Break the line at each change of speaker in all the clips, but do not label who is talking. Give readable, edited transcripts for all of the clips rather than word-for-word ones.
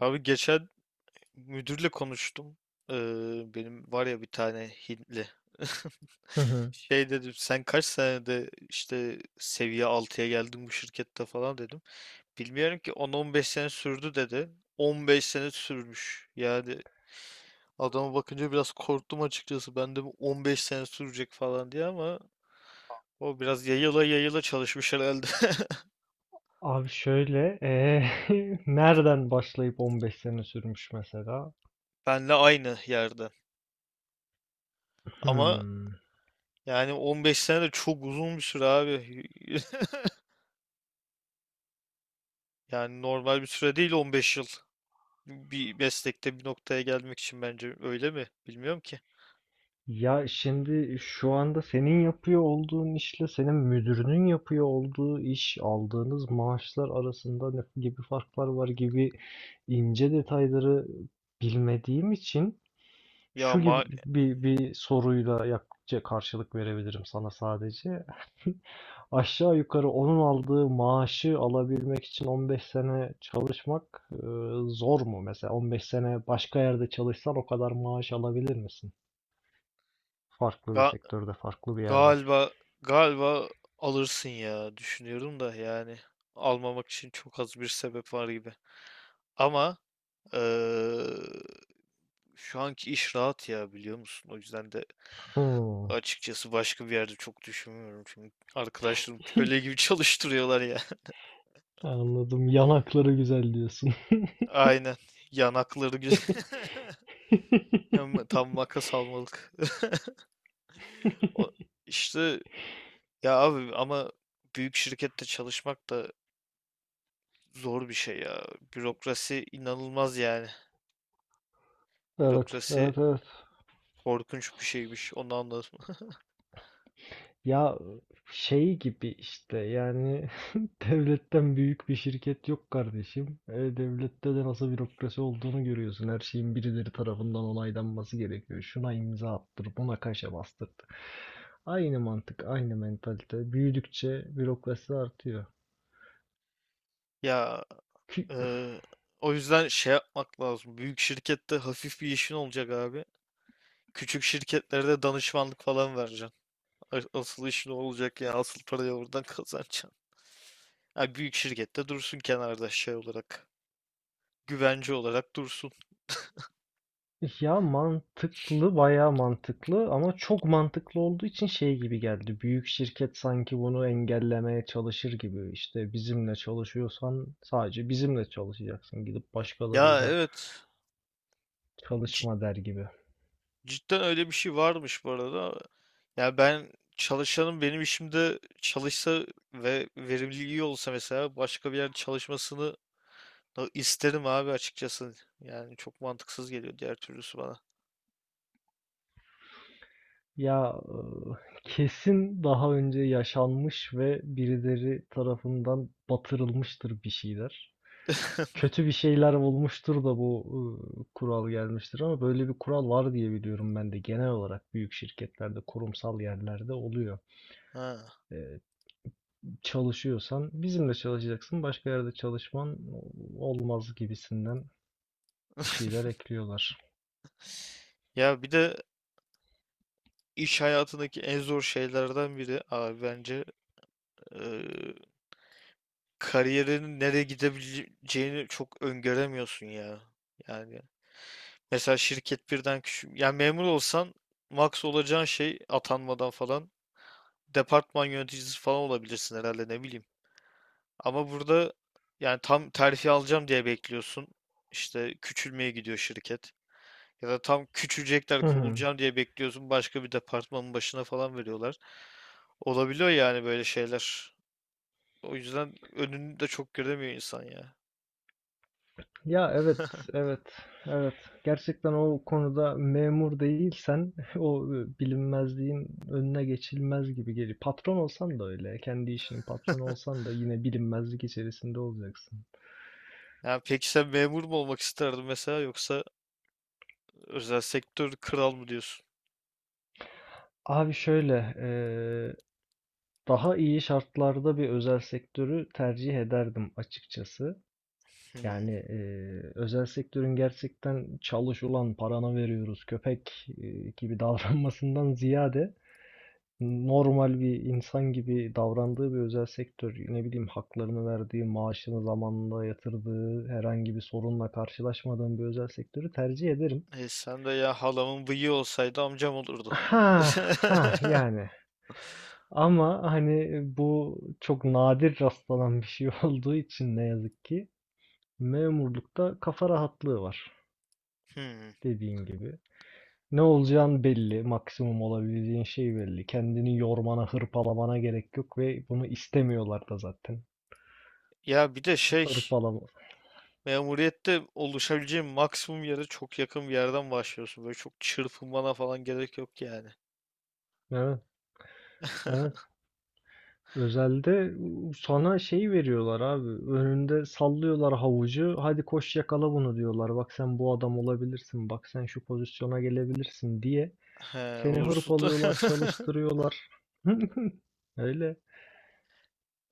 Abi geçen müdürle konuştum. Ee, Benim var ya bir tane Hintli.
Hı hı.
Şey dedim, sen kaç senede işte seviye altıya geldin bu şirkette falan dedim. Bilmiyorum ki, 10-15 sene sürdü dedi. 15 sene sürmüş. Yani adama bakınca biraz korktum açıkçası. Ben de bu 15 sene sürecek falan diye, ama o biraz yayıla yayıla çalışmış herhalde.
Abi şöyle, nereden başlayıp 15 sene sürmüş mesela?
Benle aynı yerde. Ama
Hmm.
yani 15 sene de çok uzun bir süre abi. Yani normal bir süre değil 15 yıl. Bir meslekte bir noktaya gelmek için, bence öyle mi? Bilmiyorum ki.
Ya şimdi şu anda senin yapıyor olduğun işle senin müdürünün yapıyor olduğu iş, aldığınız maaşlar arasında ne gibi farklar var gibi ince detayları bilmediğim için
Ya
Şu gibi
ma
bir bir soruyla yak- karşılık verebilirim sana sadece. Aşağı yukarı onun aldığı maaşı alabilmek için 15 sene çalışmak zor mu? Mesela 15 sene başka yerde çalışsan o kadar maaş alabilir misin? Farklı bir
ga-
sektörde, farklı bir yerde.
galiba galiba alırsın ya, düşünüyorum da, yani almamak için çok az bir sebep var gibi. Ama eee, şu anki iş rahat ya, biliyor musun? O yüzden de
Hmm,
açıkçası başka bir yerde çok düşünmüyorum. Çünkü arkadaşlarım köle gibi çalıştırıyorlar ya.
anladım. Yanakları güzel diyorsun.
Aynen. Yanakları güzel. Hem tam vaka salmalık. O, işte, ya abi ama büyük şirkette çalışmak da zor bir şey ya. Bürokrasi inanılmaz yani.
Evet,
Bürokrasi
evet, evet.
korkunç bir şeymiş. Onu anladım.
Ya şey gibi işte yani devletten büyük bir şirket yok kardeşim. E, devlette de nasıl bürokrasi olduğunu görüyorsun. Her şeyin birileri tarafından onaylanması gerekiyor. Şuna imza attır, buna kaşe bastır. Aynı mantık, aynı mentalite. Büyüdükçe bürokrasi artıyor.
Ya e, o yüzden şey yapmak lazım. Büyük şirkette hafif bir işin olacak abi. Küçük şirketlerde danışmanlık falan vereceksin. A- Asıl işin o olacak ya. Asıl parayı oradan kazanacaksın. Ha, büyük şirkette dursun kenarda şey olarak. Güvence olarak dursun.
Ya mantıklı, bayağı mantıklı ama çok mantıklı olduğu için şey gibi geldi. Büyük şirket sanki bunu engellemeye çalışır gibi. İşte bizimle çalışıyorsan sadece bizimle çalışacaksın. Gidip
Ya
başkalarıyla
evet. C-
çalışma der gibi.
cidden öyle bir şey varmış bu arada. Ya ben çalışanım, benim işimde çalışsa ve verimliliği iyi olsa, mesela başka bir yerde çalışmasını da isterim abi açıkçası. Yani çok mantıksız geliyor diğer türlüsü bana.
Ya kesin daha önce yaşanmış ve birileri tarafından batırılmıştır bir şeyler. Kötü bir şeyler olmuştur da bu kural gelmiştir ama böyle bir kural var diye biliyorum ben de. Genel olarak büyük şirketlerde, kurumsal yerlerde oluyor.
Ha.
Ee, Çalışıyorsan bizimle çalışacaksın, başka yerde çalışman olmaz gibisinden bir şeyler ekliyorlar.
Ya bir de iş hayatındaki en zor şeylerden biri abi bence, eee kariyerinin nereye gidebileceğini çok öngöremiyorsun ya. Yani mesela şirket birden küçük. Yani memur olsan max olacağın şey, atanmadan falan, departman yöneticisi falan olabilirsin herhalde, ne bileyim. Ama burada yani tam terfi alacağım diye bekliyorsun. İşte küçülmeye gidiyor şirket. Ya da tam küçülecekler,
Hı hı.
kovulacağım diye bekliyorsun. Başka bir departmanın başına falan veriyorlar. Olabiliyor yani böyle şeyler. O yüzden önünü de çok göremiyor insan ya.
Ya evet, evet, evet. Gerçekten o konuda memur değilsen o bilinmezliğin önüne geçilmez gibi geliyor. Patron olsan da öyle, kendi işinin patronu olsan da yine bilinmezlik içerisinde olacaksın.
Yani peki sen memur mu olmak isterdin mesela, yoksa özel sektör kral mı diyorsun?
Abi şöyle, daha iyi şartlarda bir özel sektörü tercih ederdim açıkçası.
Hmm.
Yani özel sektörün gerçekten çalış ulan paranı veriyoruz köpek gibi davranmasından ziyade normal bir insan gibi davrandığı bir özel sektör, ne bileyim haklarını verdiği, maaşını zamanında yatırdığı, herhangi bir sorunla karşılaşmadığım bir özel sektörü tercih ederim.
E sen de, ya halamın bıyığı olsaydı amcam olurdu.
Ha ha yani, ama hani bu çok nadir rastlanan bir şey olduğu için ne yazık ki memurlukta kafa rahatlığı var,
Hmm.
dediğin gibi. Ne olacağın belli, maksimum olabileceğin şey belli. Kendini yormana, hırpalamana gerek yok ve bunu istemiyorlar da zaten.
Ya bir de şey,
Hırpalama,
memuriyette oluşabileceğin maksimum yere çok yakın bir yerden başlıyorsun. Böyle çok çırpınmana falan gerek yok yani.
evet, evet. Özelde sana şey veriyorlar abi. Önünde sallıyorlar havucu. Hadi koş yakala bunu diyorlar. Bak sen bu adam olabilirsin. Bak sen şu pozisyona gelebilirsin diye.
He,
Seni
olursun da
hırpalıyorlar, çalıştırıyorlar. Öyle.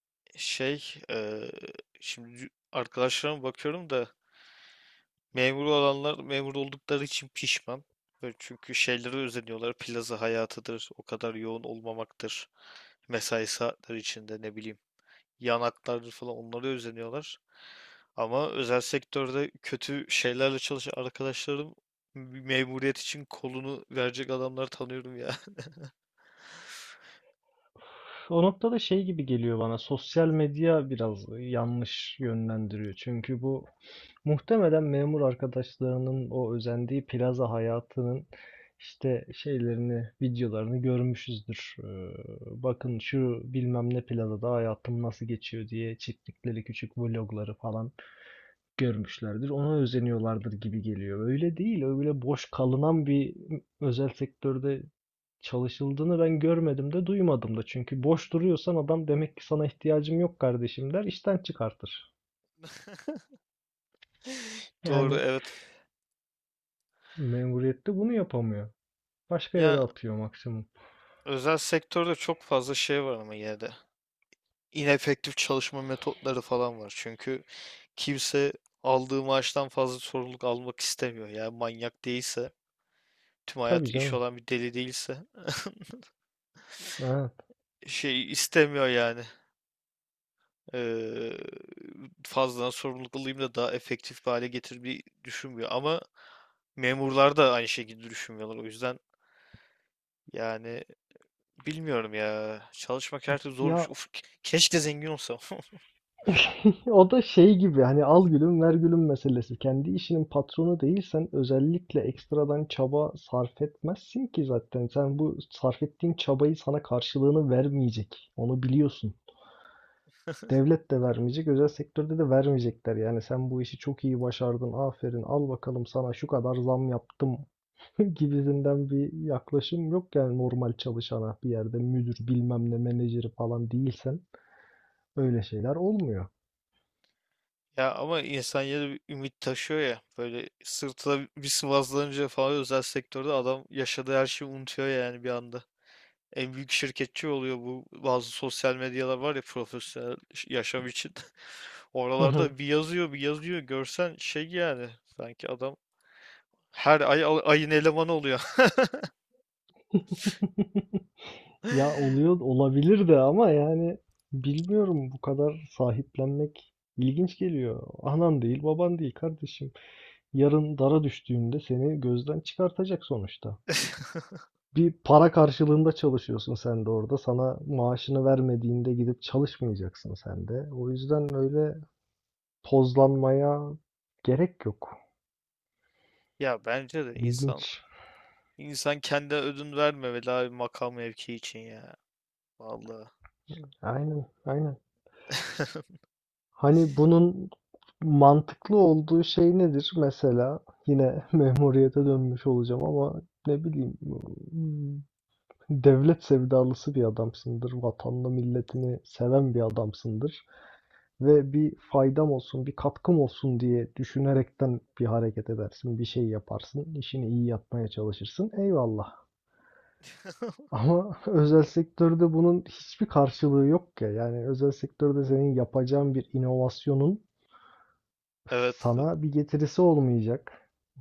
şey, şimdi arkadaşlarıma bakıyorum da, memur olanlar memur oldukları için pişman. Böyle, çünkü şeylere özeniyorlar. Plaza hayatıdır, o kadar yoğun olmamaktır. Mesai saatleri içinde, ne bileyim, yanaklardır falan, onlara özeniyorlar. Ama özel sektörde kötü şeylerle çalışan arkadaşlarım, memuriyet için kolunu verecek adamları tanıyorum ya.
O noktada şey gibi geliyor bana. Sosyal medya biraz yanlış yönlendiriyor. Çünkü bu, muhtemelen memur arkadaşlarının o özendiği plaza hayatının işte şeylerini, videolarını görmüşüzdür. Bakın şu bilmem ne plazada hayatım nasıl geçiyor diye çektikleri küçük vlogları falan görmüşlerdir. Ona özeniyorlardır gibi geliyor. Öyle değil, öyle boş kalınan bir özel sektörde çalışıldığını ben görmedim de duymadım da. Çünkü boş duruyorsan adam demek ki sana ihtiyacım yok kardeşim der, işten çıkartır.
Doğru,
Yani
evet.
memuriyette bunu yapamıyor. Başka yere
Yani
atıyor maksimum.
özel sektörde çok fazla şey var ama yine de. İnefektif çalışma metotları falan var. Çünkü kimse aldığı maaştan fazla sorumluluk almak istemiyor. Yani manyak değilse, tüm
Tabii
hayat iş
canım.
olan bir deli değilse,
Evet.
şey istemiyor yani. eee Fazladan sorumluluk alayım da daha efektif bir hale getirmeyi düşünmüyor. Ama memurlar da aynı şekilde düşünmüyorlar. O yüzden yani bilmiyorum ya. Çalışmak her türlü zor bir
Ya
şey. Uf, ke- keşke zengin olsam.
o da şey gibi, hani al gülüm ver gülüm meselesi. Kendi işinin patronu değilsen özellikle ekstradan çaba sarf etmezsin ki zaten. Sen bu sarf ettiğin çabayı sana karşılığını vermeyecek. Onu biliyorsun. Devlet de vermeyecek, özel sektörde de vermeyecekler. Yani sen bu işi çok iyi başardın, aferin, al bakalım sana şu kadar zam yaptım gibisinden bir yaklaşım yok. Yani normal çalışana bir yerde, müdür bilmem ne menajeri falan değilsen öyle şeyler olmuyor.
Ya ama insan yine bir ümit taşıyor ya. Böyle sırtına bir sıvazlanınca falan, özel sektörde adam yaşadığı her şeyi unutuyor yani, bir anda. En büyük şirketçi oluyor. Bu bazı sosyal medyalar var ya, profesyonel ş- yaşam için. Oralarda bir yazıyor bir yazıyor, görsen şey yani, sanki adam her ay al- ayın elemanı oluyor.
Ya oluyor olabilir de ama yani bilmiyorum, bu kadar sahiplenmek ilginç geliyor. Anan değil, baban değil kardeşim. Yarın dara düştüğünde seni gözden çıkartacak sonuçta. Bir para karşılığında çalışıyorsun sen de orada. Sana maaşını vermediğinde gidip çalışmayacaksın sen de. O yüzden öyle tozlanmaya gerek yok.
Ya bence de insan
İlginç.
insan kendi ödün vermemeli abi, makam mevki için ya. Vallahi.
Aynen, aynen. Hani bunun mantıklı olduğu şey nedir? Mesela yine memuriyete dönmüş olacağım ama ne bileyim, hmm, devlet sevdalısı bir adamsındır. Vatanını, milletini seven bir adamsındır. Ve bir faydam olsun, bir katkım olsun diye düşünerekten bir hareket edersin, bir şey yaparsın, işini iyi yapmaya çalışırsın. Eyvallah. Ama özel sektörde bunun hiçbir karşılığı yok ya. Yani özel sektörde senin yapacağın bir inovasyonun
Evet.
sana bir getirisi olmayacak.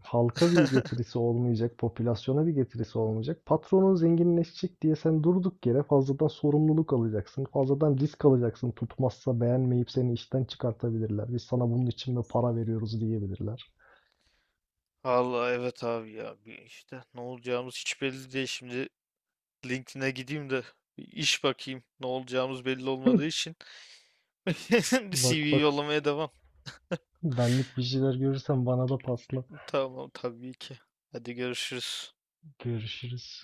Halka bir getirisi olmayacak, popülasyona bir getirisi olmayacak. Patronun zenginleşecek diye sen durduk yere fazladan sorumluluk alacaksın, fazladan risk alacaksın. Tutmazsa beğenmeyip seni işten çıkartabilirler. Biz sana bunun için mi para veriyoruz diyebilirler.
Vallahi evet abi, ya bir işte ne olacağımız hiç belli değil. Şimdi LinkedIn'e gideyim de bir iş bakayım. Ne olacağımız belli olmadığı için bir CV
Bak bak,
yollamaya devam.
benlik bir şeyler görürsen bana da pasla.
Tamam, tabii ki. Hadi görüşürüz.
Görüşürüz.